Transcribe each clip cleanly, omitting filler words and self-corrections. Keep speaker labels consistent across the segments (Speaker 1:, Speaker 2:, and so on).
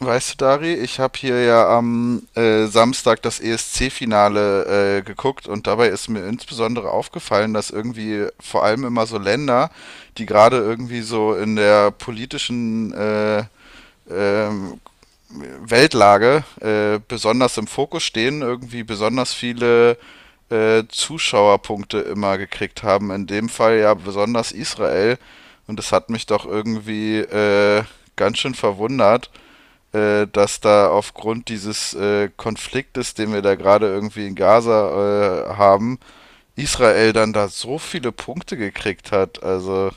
Speaker 1: Weißt du, Dari, ich habe hier ja am Samstag das ESC-Finale geguckt und dabei ist mir insbesondere aufgefallen, dass irgendwie vor allem immer so Länder, die gerade irgendwie so in der politischen ähm, Weltlage besonders im Fokus stehen, irgendwie besonders viele Zuschauerpunkte immer gekriegt haben. In dem Fall ja besonders Israel, und das hat mich doch irgendwie ganz schön verwundert, dass da aufgrund dieses Konfliktes, den wir da gerade irgendwie in Gaza haben, Israel dann da so viele Punkte gekriegt hat. Also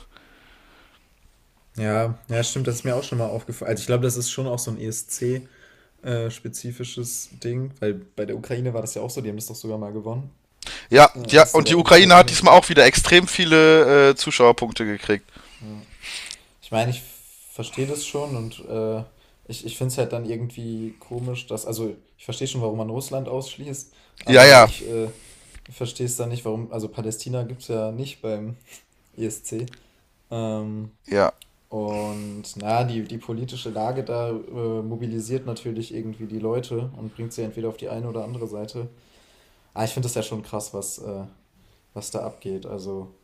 Speaker 2: Ja, ja, stimmt, das ist mir auch schon mal aufgefallen. Also ich glaube, das ist schon auch so ein ESC-spezifisches Ding, weil bei der Ukraine war das ja auch so, die haben das doch sogar mal gewonnen,
Speaker 1: ja, ja,
Speaker 2: als da
Speaker 1: und die
Speaker 2: der
Speaker 1: Ukraine hat diesmal auch
Speaker 2: Ukraine-Krieg.
Speaker 1: wieder extrem viele Zuschauerpunkte gekriegt.
Speaker 2: Ja. Ich meine, ich verstehe das schon und ich finde es halt dann irgendwie komisch, dass, also ich verstehe schon, warum man Russland ausschließt,
Speaker 1: Ja,
Speaker 2: aber
Speaker 1: ja,
Speaker 2: ich verstehe es dann nicht, warum, also Palästina gibt es ja nicht beim ESC. Ähm,
Speaker 1: ja.
Speaker 2: Und na ja, die politische Lage da, mobilisiert natürlich irgendwie die Leute und bringt sie entweder auf die eine oder andere Seite. Ich finde das ja schon krass, was da abgeht. Also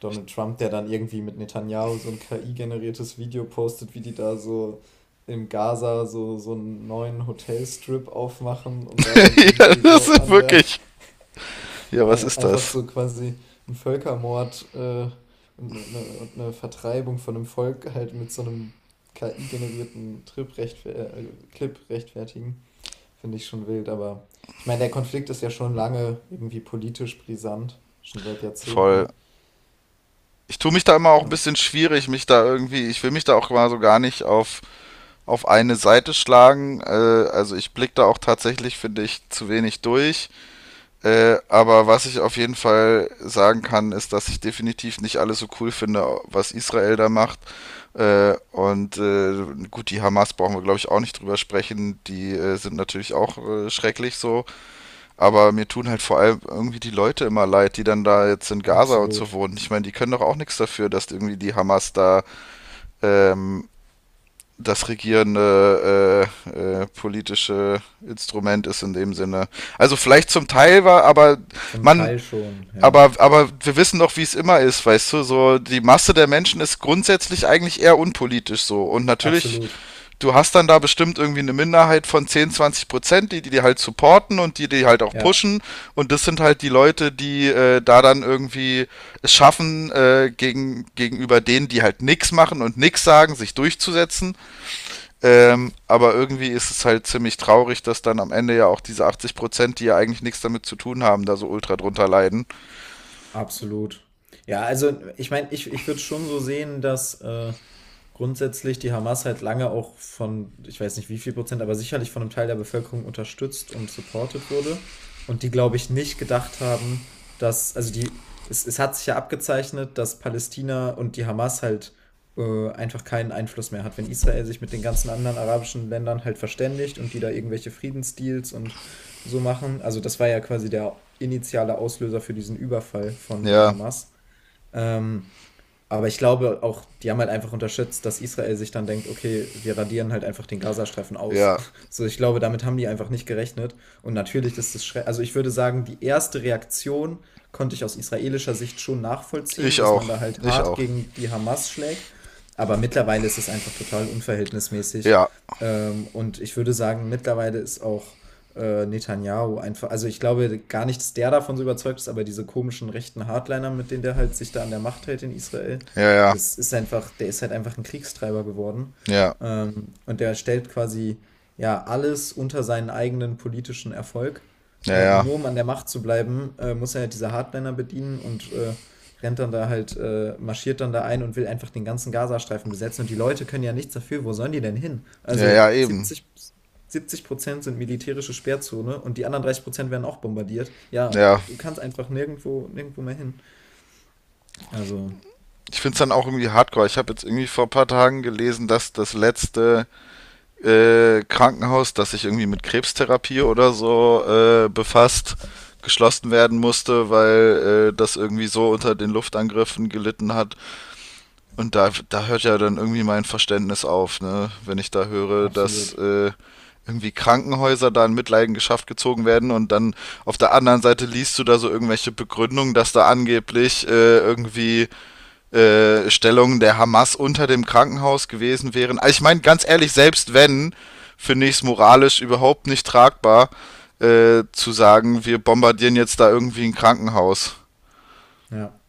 Speaker 2: Donald Trump, der dann irgendwie mit Netanyahu so 'n KI-generiertes Video postet, wie die da so in Gaza so einen neuen Hotelstrip aufmachen und da dann
Speaker 1: Ja,
Speaker 2: irgendwie
Speaker 1: das
Speaker 2: so
Speaker 1: ist
Speaker 2: an der
Speaker 1: wirklich. Ja, was
Speaker 2: Ei-
Speaker 1: ist
Speaker 2: Einfach
Speaker 1: das?
Speaker 2: so quasi ein Völkermord und eine Vertreibung von einem Volk halt mit so einem KI-generierten Trip rechtfer Clip rechtfertigen, finde ich schon wild. Aber ich meine, der Konflikt ist ja schon lange irgendwie politisch brisant, schon seit
Speaker 1: Voll.
Speaker 2: Jahrzehnten.
Speaker 1: Ich tue mich da immer auch ein
Speaker 2: Aber
Speaker 1: bisschen
Speaker 2: ich.
Speaker 1: schwierig, mich da irgendwie, ich will mich da auch mal so gar nicht auf, auf eine Seite schlagen. Also ich blicke da auch tatsächlich, finde ich, zu wenig durch. Aber was ich auf jeden Fall sagen kann, ist, dass ich definitiv nicht alles so cool finde, was Israel da macht. Äh, und äh, gut, die Hamas brauchen wir, glaube ich, auch nicht drüber sprechen. Die sind natürlich auch schrecklich so. Aber mir tun halt vor allem irgendwie die Leute immer leid, die dann da jetzt in Gaza und so
Speaker 2: Absolut.
Speaker 1: wohnen. Ich meine, die können doch auch nichts dafür, dass irgendwie die Hamas da ähm, das regierende politische Instrument ist in dem Sinne. Also vielleicht zum Teil war, aber
Speaker 2: Zum
Speaker 1: man,
Speaker 2: Teil schon, ja.
Speaker 1: aber wir wissen doch, wie es immer ist, weißt du, so die Masse der Menschen ist grundsätzlich eigentlich eher unpolitisch so. Und natürlich,
Speaker 2: Absolut.
Speaker 1: du hast dann da bestimmt irgendwie eine Minderheit von 10 bis 20%, die halt supporten und die halt auch
Speaker 2: Ja.
Speaker 1: pushen. Und das sind halt die Leute, die da dann irgendwie es schaffen, gegenüber denen, die halt nichts machen und nichts sagen, sich durchzusetzen. Aber irgendwie ist es halt ziemlich traurig, dass dann am Ende ja auch diese 80%, die ja eigentlich nichts damit zu tun haben, da so ultra drunter leiden.
Speaker 2: Absolut. Ja, also ich meine, ich würde schon so sehen, dass grundsätzlich die Hamas halt lange auch von, ich weiß nicht wie viel Prozent, aber sicherlich von einem Teil der Bevölkerung unterstützt und supported wurde. Und die, glaube ich, nicht gedacht haben, dass, also die, es hat sich ja abgezeichnet, dass Palästina und die Hamas halt einfach keinen Einfluss mehr hat. Wenn Israel sich mit den ganzen anderen arabischen Ländern halt verständigt und die da irgendwelche Friedensdeals und so machen. Also das war ja quasi der initiale Auslöser für diesen Überfall von der
Speaker 1: Ja.
Speaker 2: Hamas. Ähm, aber ich glaube auch, die haben halt einfach unterschätzt, dass Israel sich dann denkt, okay, wir radieren halt einfach den Gazastreifen aus.
Speaker 1: Ja,
Speaker 2: So, ich glaube, damit haben die einfach nicht gerechnet. Und natürlich ist das schrecklich. Also ich würde sagen, die erste Reaktion konnte ich aus israelischer Sicht schon nachvollziehen,
Speaker 1: ich
Speaker 2: dass
Speaker 1: auch.
Speaker 2: man da halt
Speaker 1: Ich
Speaker 2: hart
Speaker 1: auch.
Speaker 2: gegen die Hamas schlägt. Aber mittlerweile ist es einfach total unverhältnismäßig.
Speaker 1: Ja,
Speaker 2: Und ich würde sagen, mittlerweile ist auch Netanyahu einfach, also ich glaube gar nicht, dass der davon so überzeugt ist, aber diese komischen rechten Hardliner, mit denen der halt sich da an der Macht hält in Israel,
Speaker 1: ja, ja,
Speaker 2: das ist einfach, der ist halt einfach ein Kriegstreiber geworden.
Speaker 1: ja,
Speaker 2: Und der stellt quasi ja alles unter seinen eigenen politischen Erfolg.
Speaker 1: ja,
Speaker 2: Und
Speaker 1: ja,
Speaker 2: nur um an der Macht zu bleiben, muss er halt diese Hardliner bedienen und rennt dann da halt, marschiert dann da ein und will einfach den ganzen Gazastreifen besetzen. Und die Leute können ja nichts dafür. Wo sollen die denn hin?
Speaker 1: ja,
Speaker 2: Also
Speaker 1: ja, eben.
Speaker 2: 70, 70% sind militärische Sperrzone und die anderen 30% werden auch bombardiert. Ja,
Speaker 1: Ja,
Speaker 2: du kannst einfach nirgendwo, nirgendwo mehr hin. Also,
Speaker 1: ich find's dann auch irgendwie hardcore. Ich habe jetzt irgendwie vor ein paar Tagen gelesen, dass das letzte Krankenhaus, das sich irgendwie mit Krebstherapie oder so befasst, geschlossen werden musste, weil das irgendwie so unter den Luftangriffen gelitten hat, und da hört ja dann irgendwie mein Verständnis auf, ne? Wenn ich da höre, dass
Speaker 2: Absolut.
Speaker 1: irgendwie Krankenhäuser da in Mitleidenschaft gezogen werden und dann auf der anderen Seite liest du da so irgendwelche Begründungen, dass da angeblich Stellungen der Hamas unter dem Krankenhaus gewesen wären. Also ich meine, ganz ehrlich, selbst wenn, finde ich es moralisch überhaupt nicht tragbar, zu sagen, wir bombardieren jetzt da irgendwie ein Krankenhaus.
Speaker 2: Ja.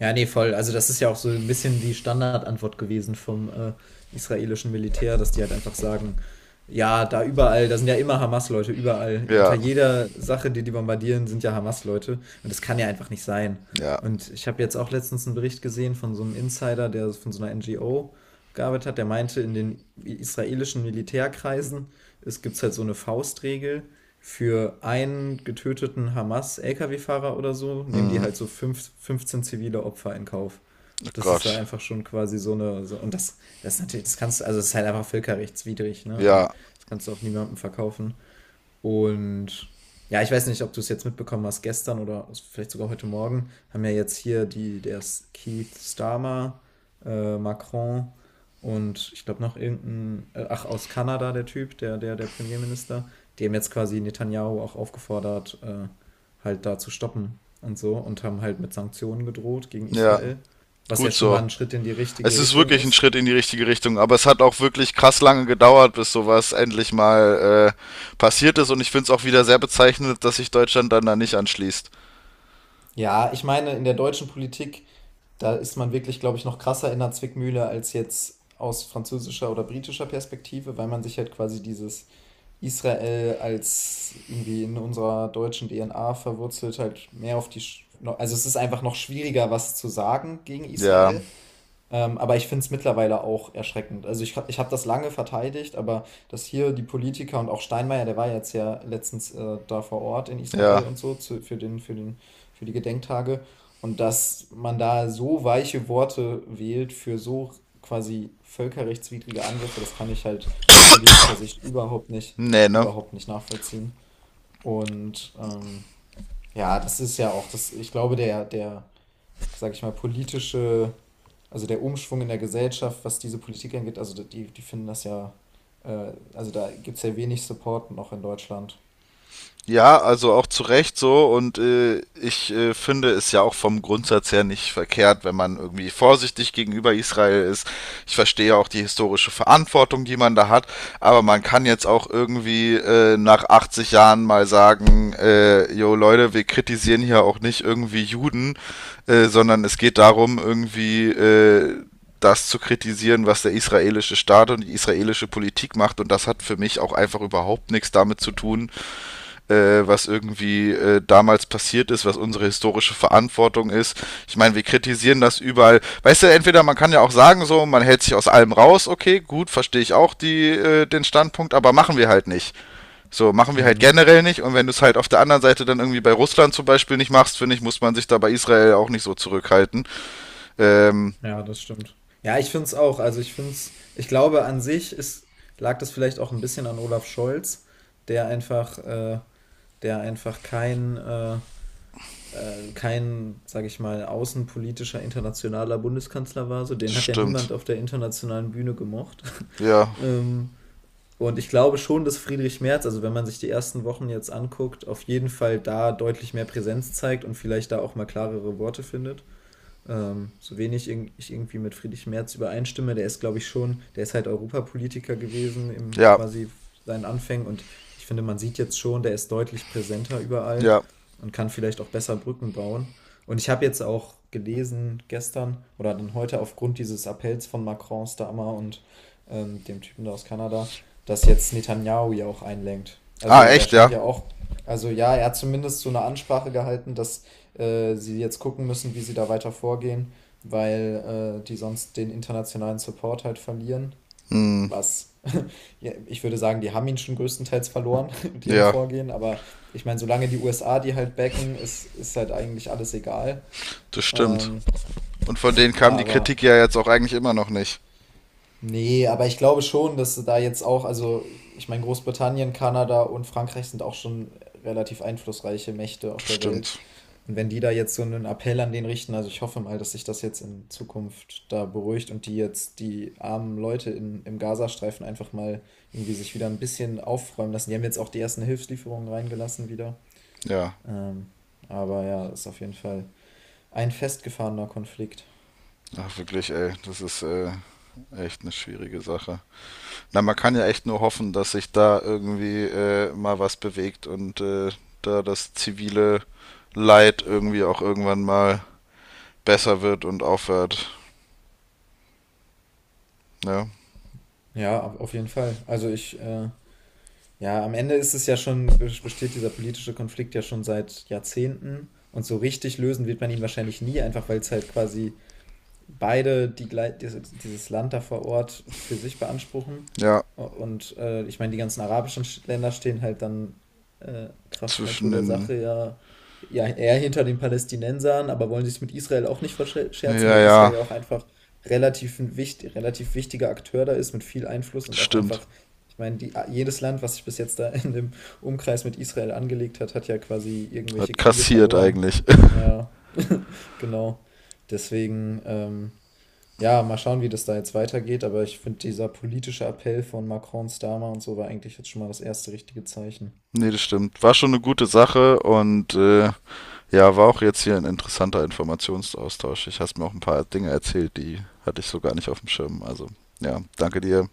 Speaker 2: Ja, nee, voll. Also das ist ja auch so ein bisschen die Standardantwort gewesen vom israelischen Militär, dass die halt einfach sagen, ja, da überall, da sind ja immer Hamas-Leute, überall. Unter
Speaker 1: Ja,
Speaker 2: jeder Sache, die die bombardieren, sind ja Hamas-Leute. Und das kann ja einfach nicht sein.
Speaker 1: ja,
Speaker 2: Und ich habe jetzt auch letztens einen Bericht gesehen von so einem Insider, der von so einer NGO gearbeitet hat, der meinte, in den israelischen Militärkreisen es gibt halt so eine Faustregel, für einen getöteten Hamas-Lkw-Fahrer oder so, nehmen die halt so fünf, 15 zivile Opfer in Kauf.
Speaker 1: oh
Speaker 2: Das ist ja
Speaker 1: Gott.
Speaker 2: halt einfach schon quasi so eine. So, und das ist natürlich, das kannst du, also es ist halt einfach völkerrechtswidrig, ne? Und
Speaker 1: Ja,
Speaker 2: das kannst du auch niemandem verkaufen. Und ja, ich weiß nicht, ob du es jetzt mitbekommen hast, gestern oder vielleicht sogar heute Morgen haben ja jetzt hier die, der ist Keith Starmer, Macron und ich glaube noch irgendein, ach, aus Kanada der Typ, der Premierminister, die haben jetzt quasi Netanyahu auch aufgefordert, halt da zu stoppen und so und haben halt mit Sanktionen gedroht gegen
Speaker 1: ja,
Speaker 2: Israel, was ja
Speaker 1: gut
Speaker 2: schon mal
Speaker 1: so.
Speaker 2: ein Schritt in die
Speaker 1: Es
Speaker 2: richtige
Speaker 1: ist
Speaker 2: Richtung
Speaker 1: wirklich ein
Speaker 2: ist.
Speaker 1: Schritt in die richtige Richtung, aber es hat auch wirklich krass lange gedauert, bis sowas endlich mal passiert ist. Und ich finde es auch wieder sehr bezeichnend, dass sich Deutschland dann da nicht anschließt.
Speaker 2: Ja, ich meine, in der deutschen Politik, da ist man wirklich, glaube ich, noch krasser in der Zwickmühle als jetzt aus französischer oder britischer Perspektive, weil man sich halt quasi dieses Israel als irgendwie in unserer deutschen DNA verwurzelt, halt mehr auf die. Also es ist einfach noch schwieriger, was zu sagen gegen
Speaker 1: Ja,
Speaker 2: Israel. Aber ich finde es mittlerweile auch erschreckend. Also ich habe das lange verteidigt, aber dass hier die Politiker und auch Steinmeier, der war ja jetzt ja letztens da vor Ort in
Speaker 1: ja.
Speaker 2: Israel und so zu, für die Gedenktage und dass man da so weiche Worte wählt für so quasi völkerrechtswidrige Angriffe, das kann ich halt aus politischer Sicht
Speaker 1: Nee, ne?
Speaker 2: überhaupt nicht nachvollziehen. Und ja, das ist ja auch das, ich glaube, sag ich mal, politische, also der Umschwung in der Gesellschaft, was diese Politik angeht, also die finden das ja, also da gibt es ja wenig Support noch in Deutschland.
Speaker 1: Ja, also auch zu Recht so. Und ich finde es ja auch vom Grundsatz her nicht verkehrt, wenn man irgendwie vorsichtig gegenüber Israel ist. Ich verstehe auch die historische Verantwortung, die man da hat. Aber man kann jetzt auch irgendwie nach 80 Jahren mal sagen, jo Leute, wir kritisieren hier auch nicht irgendwie Juden, sondern es geht darum, irgendwie... das zu kritisieren, was der israelische Staat und die israelische Politik macht. Und das hat für mich auch einfach überhaupt nichts damit zu tun, was irgendwie damals passiert ist, was unsere historische Verantwortung ist. Ich meine, wir kritisieren das überall. Weißt du, entweder man kann ja auch sagen, so, man hält sich aus allem raus, okay, gut, verstehe ich auch die, den Standpunkt, aber machen wir halt nicht. So, machen wir halt
Speaker 2: Hm,
Speaker 1: generell nicht. Und wenn du es halt auf der anderen Seite dann irgendwie bei Russland zum Beispiel nicht machst, finde ich, muss man sich da bei Israel auch nicht so zurückhalten. Ähm,
Speaker 2: ja, das stimmt. Ja, ich finde es auch. Also ich finde es, ich glaube an sich ist, lag das vielleicht auch ein bisschen an Olaf Scholz, der einfach, äh, der einfach kein, sage ich mal, außenpolitischer internationaler Bundeskanzler war. So, den hat ja
Speaker 1: stimmt.
Speaker 2: niemand auf der internationalen Bühne gemocht.
Speaker 1: Ja,
Speaker 2: ähm, und ich glaube schon, dass Friedrich Merz, also wenn man sich die ersten Wochen jetzt anguckt, auf jeden Fall da deutlich mehr Präsenz zeigt und vielleicht da auch mal klarere Worte findet. So wenig ich irgendwie mit Friedrich Merz übereinstimme, der ist, glaube ich, schon, der ist halt Europapolitiker gewesen im
Speaker 1: ja,
Speaker 2: quasi seinen Anfängen und ich finde, man sieht jetzt schon, der ist deutlich präsenter überall
Speaker 1: ja.
Speaker 2: und kann vielleicht auch besser Brücken bauen. Und ich habe jetzt auch gelesen gestern oder dann heute aufgrund dieses Appells von Macron, Starmer und dem Typen da aus Kanada, dass jetzt Netanyahu ja auch einlenkt. Also
Speaker 1: Ah,
Speaker 2: der
Speaker 1: echt, ja.
Speaker 2: scheint ja auch, also ja, er hat zumindest so eine Ansprache gehalten, dass sie jetzt gucken müssen, wie sie da weiter vorgehen, weil die sonst den internationalen Support halt verlieren.
Speaker 1: Hm,
Speaker 2: Was, ja, ich würde sagen, die haben ihn schon größtenteils verloren mit ihrem
Speaker 1: ja,
Speaker 2: Vorgehen, aber ich meine, solange die USA die halt backen, ist halt eigentlich alles egal.
Speaker 1: das stimmt.
Speaker 2: Ähm,
Speaker 1: Und von denen kam die
Speaker 2: aber
Speaker 1: Kritik ja jetzt auch eigentlich immer noch nicht.
Speaker 2: nee, aber ich glaube schon, dass da jetzt auch, also ich meine, Großbritannien, Kanada und Frankreich sind auch schon relativ einflussreiche Mächte auf
Speaker 1: Das
Speaker 2: der Welt.
Speaker 1: stimmt.
Speaker 2: Und wenn die da jetzt so einen Appell an den richten, also ich hoffe mal, dass sich das jetzt in Zukunft da beruhigt und die jetzt die armen Leute im Gazastreifen einfach mal irgendwie sich wieder ein bisschen aufräumen lassen. Die haben jetzt auch die ersten Hilfslieferungen reingelassen wieder.
Speaker 1: Ja.
Speaker 2: Ähm, aber ja, ist auf jeden Fall ein festgefahrener Konflikt.
Speaker 1: Ach, wirklich, ey, das ist echt eine schwierige Sache. Na, man kann ja echt nur hoffen, dass sich da irgendwie mal was bewegt und da das zivile Leid irgendwie auch irgendwann mal besser wird und aufhört. Ne?
Speaker 2: Ja, auf jeden Fall. Also ja, am Ende ist es ja schon, besteht dieser politische Konflikt ja schon seit Jahrzehnten. Und so richtig lösen wird man ihn wahrscheinlich nie, einfach weil es halt quasi beide dieses Land da vor Ort für sich beanspruchen.
Speaker 1: Ja,
Speaker 2: Und ich meine, die ganzen arabischen Länder stehen halt dann Kraft Natur
Speaker 1: zwischen
Speaker 2: der
Speaker 1: den.
Speaker 2: Sache ja eher hinter den Palästinensern, aber wollen sich mit Israel auch nicht verscherzen,
Speaker 1: Ja,
Speaker 2: weil Israel
Speaker 1: ja,
Speaker 2: ja auch einfach relativ wichtiger Akteur da ist mit viel Einfluss und auch
Speaker 1: stimmt.
Speaker 2: einfach, ich meine, jedes Land, was sich bis jetzt da in dem Umkreis mit Israel angelegt hat, hat ja quasi irgendwelche
Speaker 1: Hat
Speaker 2: Kriege
Speaker 1: kassiert
Speaker 2: verloren.
Speaker 1: eigentlich.
Speaker 2: Ja, genau. Deswegen, ja, mal schauen, wie das da jetzt weitergeht, aber ich finde, dieser politische Appell von Macron, Starmer und so war eigentlich jetzt schon mal das erste richtige Zeichen.
Speaker 1: Nee, das stimmt. War schon eine gute Sache und ja, war auch jetzt hier ein interessanter Informationsaustausch. Ich hast mir auch ein paar Dinge erzählt, die hatte ich so gar nicht auf dem Schirm. Also, ja, danke dir.